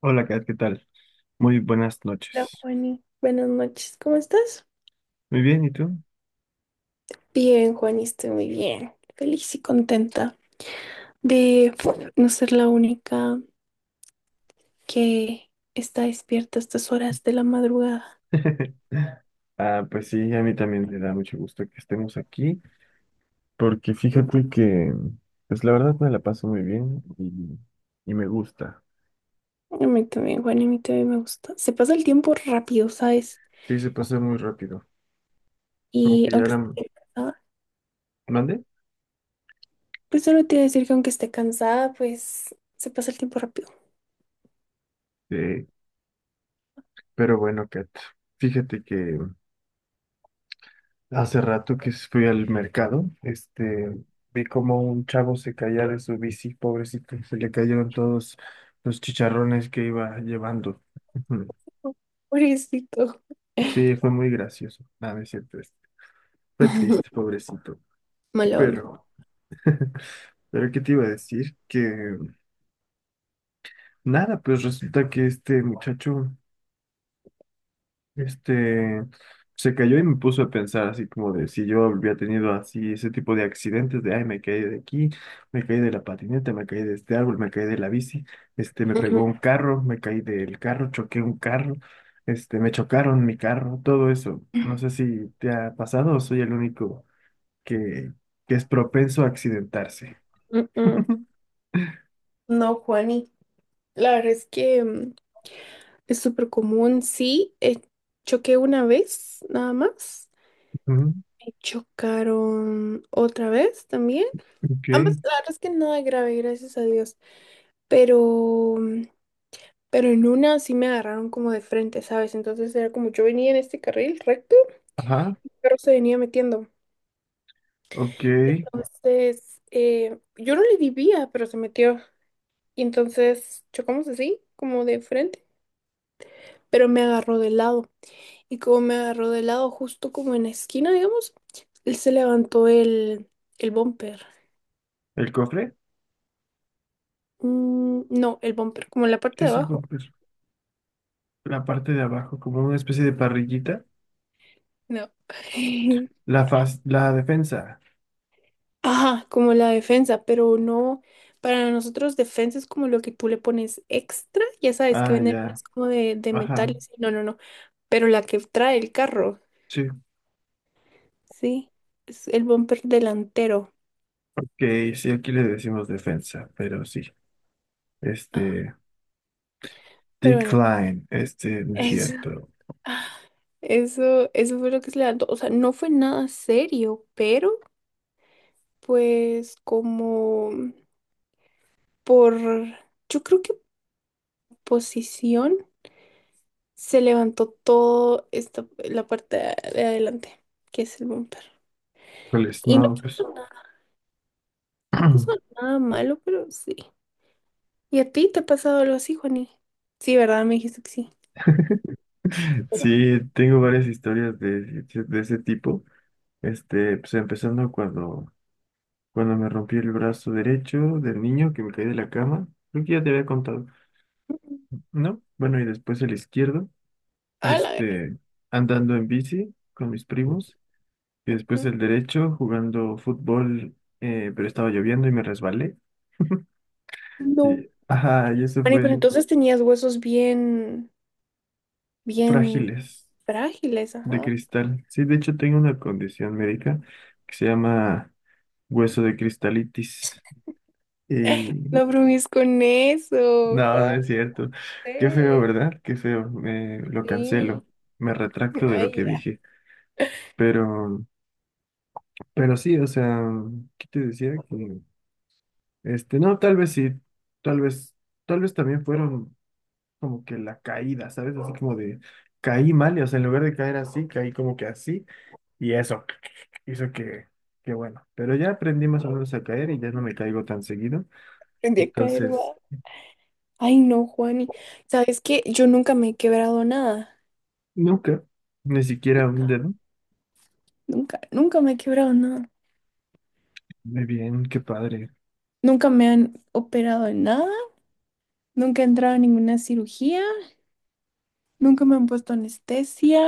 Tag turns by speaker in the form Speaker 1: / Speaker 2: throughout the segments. Speaker 1: Hola, Kat, ¿qué tal? Muy buenas
Speaker 2: Hola,
Speaker 1: noches.
Speaker 2: Juani. Buenas noches. ¿Cómo estás?
Speaker 1: Muy bien, ¿y tú?
Speaker 2: Bien, Juani, estoy muy bien. Feliz y contenta de no ser la única que está despierta a estas horas de la madrugada.
Speaker 1: Ah, pues sí, a mí también me da mucho gusto que estemos aquí, porque fíjate que pues la verdad me la paso muy bien y me gusta.
Speaker 2: A mí también, Juani, a mí también me gusta. Se pasa el tiempo rápido, ¿sabes?
Speaker 1: Sí, se pasa muy rápido, como
Speaker 2: Y
Speaker 1: que ya
Speaker 2: aunque
Speaker 1: la
Speaker 2: esté cansada,
Speaker 1: mandé.
Speaker 2: pues solo te voy a decir que aunque esté cansada, pues se pasa el tiempo rápido.
Speaker 1: Sí, pero bueno, Kat, fíjate que hace rato que fui al mercado, vi como un chavo se caía de su bici, pobrecito, se le cayeron todos los chicharrones que iba llevando.
Speaker 2: Pobrecito.
Speaker 1: Sí, fue muy gracioso. Nada, no es cierto. Fue triste, pobrecito.
Speaker 2: Mala onda.
Speaker 1: Pero, pero ¿qué te iba a decir? Que nada, pues resulta que este muchacho, este, se cayó y me puso a pensar así como de si yo había tenido así ese tipo de accidentes de, ay, me caí de aquí, me caí de la patineta, me caí de este árbol, me caí de la bici, me
Speaker 2: Ujú,
Speaker 1: pegó un carro, me caí del carro, choqué un carro, me chocaron mi carro, todo eso. No sé si te ha pasado o soy el único que, que es propenso a accidentarse.
Speaker 2: mm, mm. No, Juani. La verdad es que es súper común, sí. Choqué una vez, nada más.
Speaker 1: Ujú,
Speaker 2: Me chocaron otra vez también. Ambas,
Speaker 1: ok,
Speaker 2: la verdad es que nada grave, gracias a Dios. Pero, pero en una sí me agarraron como de frente, ¿sabes? Entonces era como yo venía en este carril recto,
Speaker 1: ajá,
Speaker 2: pero se venía metiendo.
Speaker 1: ok.
Speaker 2: Entonces, yo no le vivía, pero se metió. Y entonces chocamos así, como de frente, pero me agarró de lado. Y como me agarró de lado justo como en la esquina, digamos, él se levantó el bumper.
Speaker 1: ¿El cofre?
Speaker 2: Mm, no, el bumper, como la
Speaker 1: ¿Qué
Speaker 2: parte de
Speaker 1: es el
Speaker 2: abajo.
Speaker 1: cofre? La parte de abajo, como una especie de parrillita.
Speaker 2: No.
Speaker 1: La faz, la defensa.
Speaker 2: Ajá, como la defensa, pero no. Para nosotros defensa es como lo que tú le pones extra, ya sabes que
Speaker 1: Ah,
Speaker 2: venden
Speaker 1: ya,
Speaker 2: unas como de metal.
Speaker 1: ajá,
Speaker 2: Y así, no, no, no. Pero la que trae el carro,
Speaker 1: sí.
Speaker 2: sí, es el bumper delantero.
Speaker 1: Ok, sí, aquí le decimos defensa, pero sí.
Speaker 2: Ajá,
Speaker 1: Este,
Speaker 2: pero bueno,
Speaker 1: decline, no es
Speaker 2: eso.
Speaker 1: cierto.
Speaker 2: Eso fue lo que se levantó. O sea, no fue nada serio, pero pues como por, yo creo que posición se levantó todo esta, la parte de adelante, que es el bumper.
Speaker 1: ¿Cuál es?
Speaker 2: Y
Speaker 1: No, pues.
Speaker 2: no pasó nada malo, pero sí. ¿Y a ti te ha pasado algo así, Juani? Sí, ¿verdad? Me dijiste que sí.
Speaker 1: Sí, tengo varias historias de ese tipo. Pues empezando cuando me rompí el brazo derecho del niño que me caí de la cama. Creo que ya te había contado,
Speaker 2: Ujú.
Speaker 1: ¿no? Bueno, y después el izquierdo,
Speaker 2: A la gran-
Speaker 1: este, andando en bici con mis primos. Y después
Speaker 2: ujú.
Speaker 1: el derecho, jugando fútbol, pero estaba lloviendo y me resbalé.
Speaker 2: No.
Speaker 1: Y, ajá, y eso
Speaker 2: Juani,
Speaker 1: fue
Speaker 2: pero
Speaker 1: en
Speaker 2: entonces tenías huesos bien, bien
Speaker 1: frágiles
Speaker 2: frágiles,
Speaker 1: de
Speaker 2: ajá.
Speaker 1: cristal. Sí, de hecho tengo una condición médica que se llama hueso de cristalitis.
Speaker 2: No bromees con eso,
Speaker 1: No, no
Speaker 2: Juan.
Speaker 1: es cierto. Qué feo,
Speaker 2: Sí.
Speaker 1: ¿verdad? Qué feo. Me, lo cancelo. Me retracto de lo que
Speaker 2: Ay,
Speaker 1: dije. Pero, pero sí, o sea, ¿qué te decía? No, tal vez sí. Tal vez, tal vez también fueron como que la caída, ¿sabes? Así como de caí mal, y, o sea, en lugar de caer así, caí como que así. Y eso hizo que bueno. Pero ya aprendí más o menos a caer y ya no me caigo tan seguido.
Speaker 2: aprendí a caer,
Speaker 1: Entonces,
Speaker 2: va. Ay, no, Juani. ¿Sabes qué? Yo nunca me he quebrado nada.
Speaker 1: nunca, ni siquiera un dedo.
Speaker 2: Nunca, nunca me he quebrado nada.
Speaker 1: Muy bien, qué padre.
Speaker 2: Nunca me han operado en nada. Nunca he entrado en ninguna cirugía. Nunca me han puesto anestesia.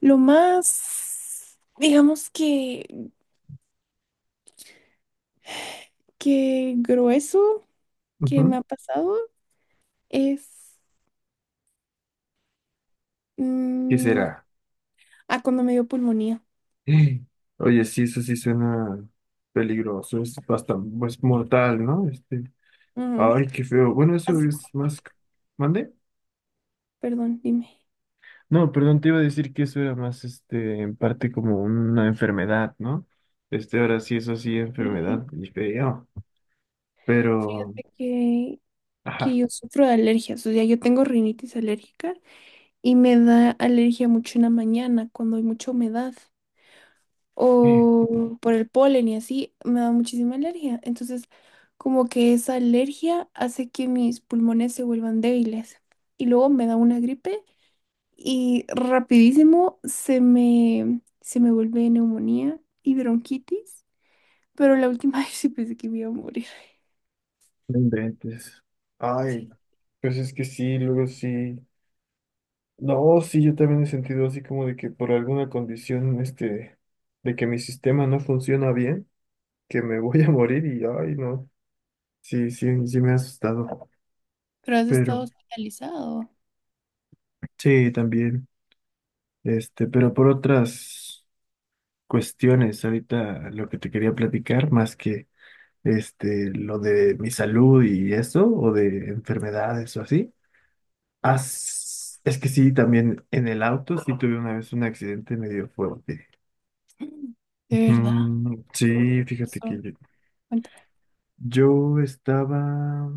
Speaker 2: Lo más, digamos que, grueso que me
Speaker 1: Ujú.
Speaker 2: ha pasado es...
Speaker 1: ¿Qué
Speaker 2: mm,
Speaker 1: será?
Speaker 2: cuando me dio pulmonía.
Speaker 1: Eh, Oye, sí, eso sí suena peligroso, es bastante, es mortal, ¿no?
Speaker 2: Ujú.
Speaker 1: Ay, qué feo. Bueno, eso
Speaker 2: Así
Speaker 1: es
Speaker 2: como,
Speaker 1: más, ¿mande?
Speaker 2: perdón, dime.
Speaker 1: No, perdón, te iba a decir que eso era más, en parte como una enfermedad, ¿no? Ahora sí, eso sí,
Speaker 2: Y
Speaker 1: enfermedad, y feo. Pero,
Speaker 2: fíjate que
Speaker 1: ajá,
Speaker 2: yo sufro de alergias, o sea, yo tengo rinitis alérgica y me da alergia mucho en la mañana cuando hay mucha humedad
Speaker 1: eh,
Speaker 2: o por el polen y así, me da muchísima alergia. Entonces, como que esa alergia hace que mis pulmones se vuelvan débiles y luego me da una gripe y rapidísimo se me vuelve neumonía y bronquitis, pero la última vez sí pensé que me iba a morir.
Speaker 1: no inventes. Ay,
Speaker 2: Sí,
Speaker 1: pues es que sí, luego sí. No, sí, yo también he sentido así como de que por alguna condición, de que mi sistema no funciona bien, que me voy a morir y, ay, no, sí, sí, sí me ha asustado.
Speaker 2: pero has estado
Speaker 1: Pero,
Speaker 2: hospitalizado.
Speaker 1: sí, también, pero por otras cuestiones, ahorita lo que te quería platicar, más lo de mi salud y eso, o de enfermedades o así, as- es que sí, también en el auto sí tuve una vez un accidente medio fuerte.
Speaker 2: De verdad.
Speaker 1: Mm, sí, fíjate que yo,
Speaker 2: Cuéntame.
Speaker 1: yo estaba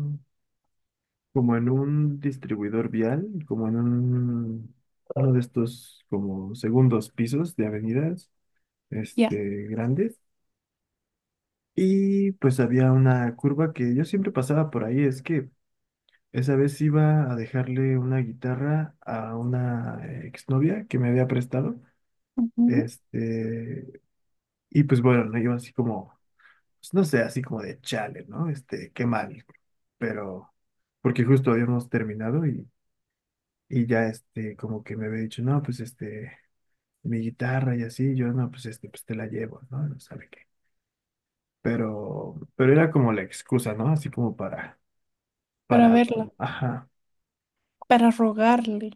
Speaker 1: como en un distribuidor vial, como en un, uno de estos como segundos pisos de avenidas,
Speaker 2: Ya.
Speaker 1: grandes, y pues había una curva que yo siempre pasaba por ahí, es que esa vez iba a dejarle una guitarra a una exnovia que me había prestado,
Speaker 2: Ujú.
Speaker 1: este, y pues bueno, la iba así como pues, no sé, así como de chale, ¿no? Qué mal. Pero, porque justo habíamos terminado y ya, como que me había dicho, no, pues, mi guitarra y así, yo, no, pues, pues te la llevo, ¿no? No sabe qué. Pero era como la excusa, ¿no? Así como
Speaker 2: Para
Speaker 1: para,
Speaker 2: verla,
Speaker 1: ajá,
Speaker 2: para rogarle,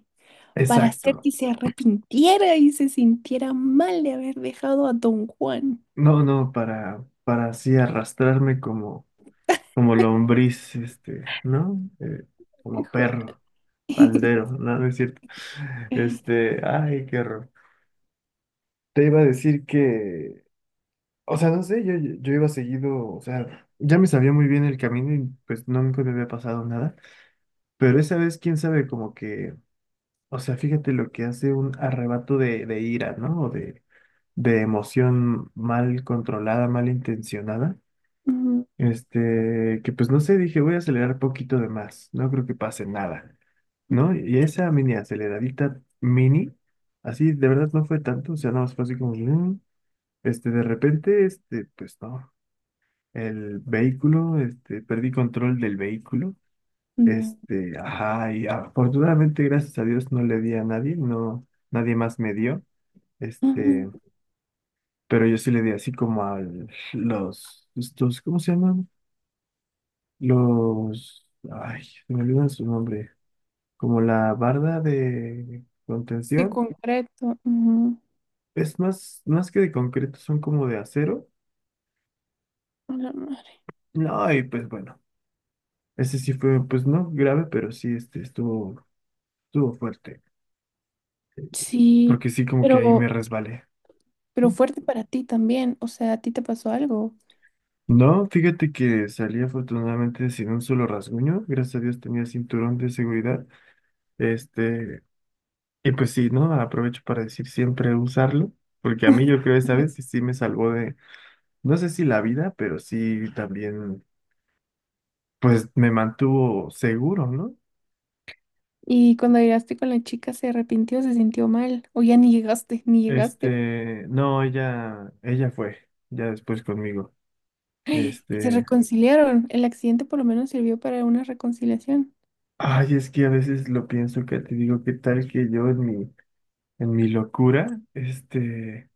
Speaker 2: para hacer
Speaker 1: exacto.
Speaker 2: que se arrepintiera y se sintiera mal de haber dejado a Don Juan.
Speaker 1: No, no, para así arrastrarme como, como lombriz, ¿no? Como
Speaker 2: Juan.
Speaker 1: perro, faldero, ¿no? No es cierto. Ay, qué horror. Te iba a decir que o sea, no sé, yo, yo iba seguido, o sea, ya me sabía muy bien el camino y pues nunca me había pasado nada, pero esa vez, quién sabe, como que, o sea, fíjate lo que hace un arrebato de ira, ¿no? O de emoción mal controlada, mal intencionada,
Speaker 2: Ujú.
Speaker 1: que pues no sé, dije, voy a acelerar poquito de más, no creo que pase nada, ¿no? Y esa mini aceleradita mini, así, de verdad no fue tanto, o sea, nada más fue así como... "Mm". De repente, pues no, el vehículo, perdí control del vehículo,
Speaker 2: No.
Speaker 1: ajá, y afortunadamente, gracias a Dios, no le di a nadie, no, nadie más me dio, este,
Speaker 2: Ujú.
Speaker 1: pero yo sí le di así como a los, estos, ¿cómo se llaman? Los, ay, se me olvidan su nombre, como la barda de
Speaker 2: Qué
Speaker 1: contención,
Speaker 2: concreto. Ujú.
Speaker 1: es más, más que de concreto, son como de acero,
Speaker 2: A la madre.
Speaker 1: no, y pues bueno. Ese sí fue, pues no grave, pero sí estuvo, estuvo fuerte.
Speaker 2: Sí,
Speaker 1: Porque sí, como que ahí me
Speaker 2: pero,
Speaker 1: resbalé.
Speaker 2: pero fuerte para ti también. O sea, a ti te pasó algo.
Speaker 1: No, fíjate que salí afortunadamente sin un solo rasguño. Gracias a Dios tenía cinturón de seguridad. Este, y pues sí, ¿no? Aprovecho para decir siempre usarlo. Porque a mí yo creo esta vez sí, sí me salvó de, no sé si la vida, pero sí también, pues me mantuvo seguro, ¿no?
Speaker 2: Y cuando llegaste con la chica, ¿se arrepintió, se sintió mal? ¿O ya ni llegaste, ni llegaste?
Speaker 1: No, ella, ella fue, ya después conmigo.
Speaker 2: Y se
Speaker 1: Este.
Speaker 2: reconciliaron. El accidente por lo menos sirvió para una reconciliación.
Speaker 1: Ay, es que a veces lo pienso que te digo, qué tal que yo en mi locura, este,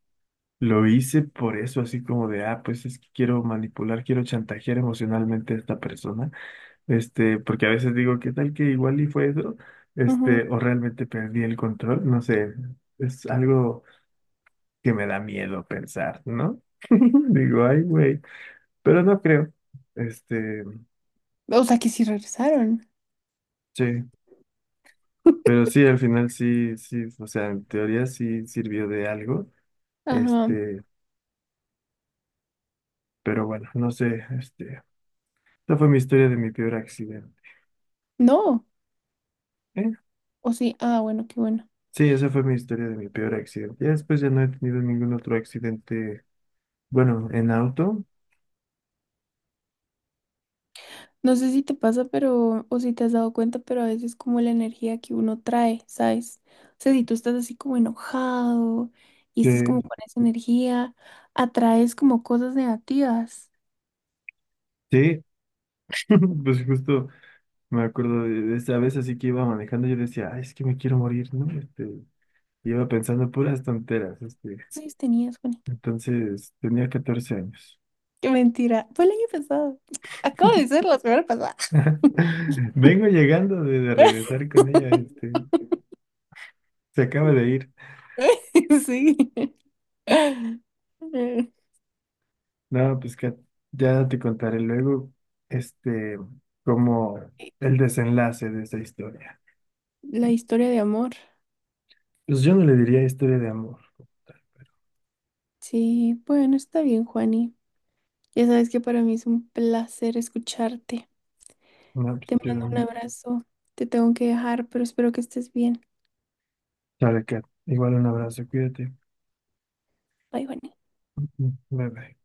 Speaker 1: lo hice por eso, así como de, ah, pues es que quiero manipular, quiero chantajear emocionalmente a esta persona, porque a veces digo, qué tal que igual y fue eso,
Speaker 2: Ujú.
Speaker 1: o realmente perdí el control, no sé, es algo que me da miedo pensar, ¿no? Digo, ay, güey, pero no creo, este,
Speaker 2: O sea que sí regresaron.
Speaker 1: sí, pero sí, al final sí, sí, o sea, en teoría sí sirvió de algo.
Speaker 2: Ajá.
Speaker 1: Este, pero bueno, no sé, esa fue mi historia de mi peor accidente.
Speaker 2: No.
Speaker 1: ¿Eh?
Speaker 2: O sí. Ah, bueno, qué bueno.
Speaker 1: Sí, esa fue mi historia de mi peor accidente. Ya después ya no he tenido ningún otro accidente, bueno, en auto.
Speaker 2: No sé si te pasa, pero, o si te has dado cuenta, pero a veces como la energía que uno trae, ¿sabes? O sea, si tú estás así como enojado y
Speaker 1: Sí,
Speaker 2: estás como con esa energía, atraes como cosas negativas.
Speaker 1: sí, pues justo me acuerdo de esa vez así que iba manejando, yo decía, "Ay, es que me quiero morir, ¿no? Iba pensando puras tonteras, este.
Speaker 2: Sí, tenías, Juani.
Speaker 1: Entonces tenía 14 años.
Speaker 2: Qué mentira. Fue el año pasado. Acabo de ser la semana pasada.
Speaker 1: Vengo llegando de regresar con ella, se acaba de ir.
Speaker 2: Sí.
Speaker 1: No, pues que ya te contaré luego, este, como el desenlace de esa historia.
Speaker 2: La historia de amor.
Speaker 1: Pues yo no le diría historia de amor.
Speaker 2: Sí, bueno, está bien, Juani. Ya sabes que para mí es un placer escucharte.
Speaker 1: No, pues
Speaker 2: Te
Speaker 1: yo,
Speaker 2: mando un abrazo. Te tengo que dejar, pero espero que estés bien.
Speaker 1: sabe que igual un abrazo, cuídate.
Speaker 2: Bye, Juani.
Speaker 1: Bye bye.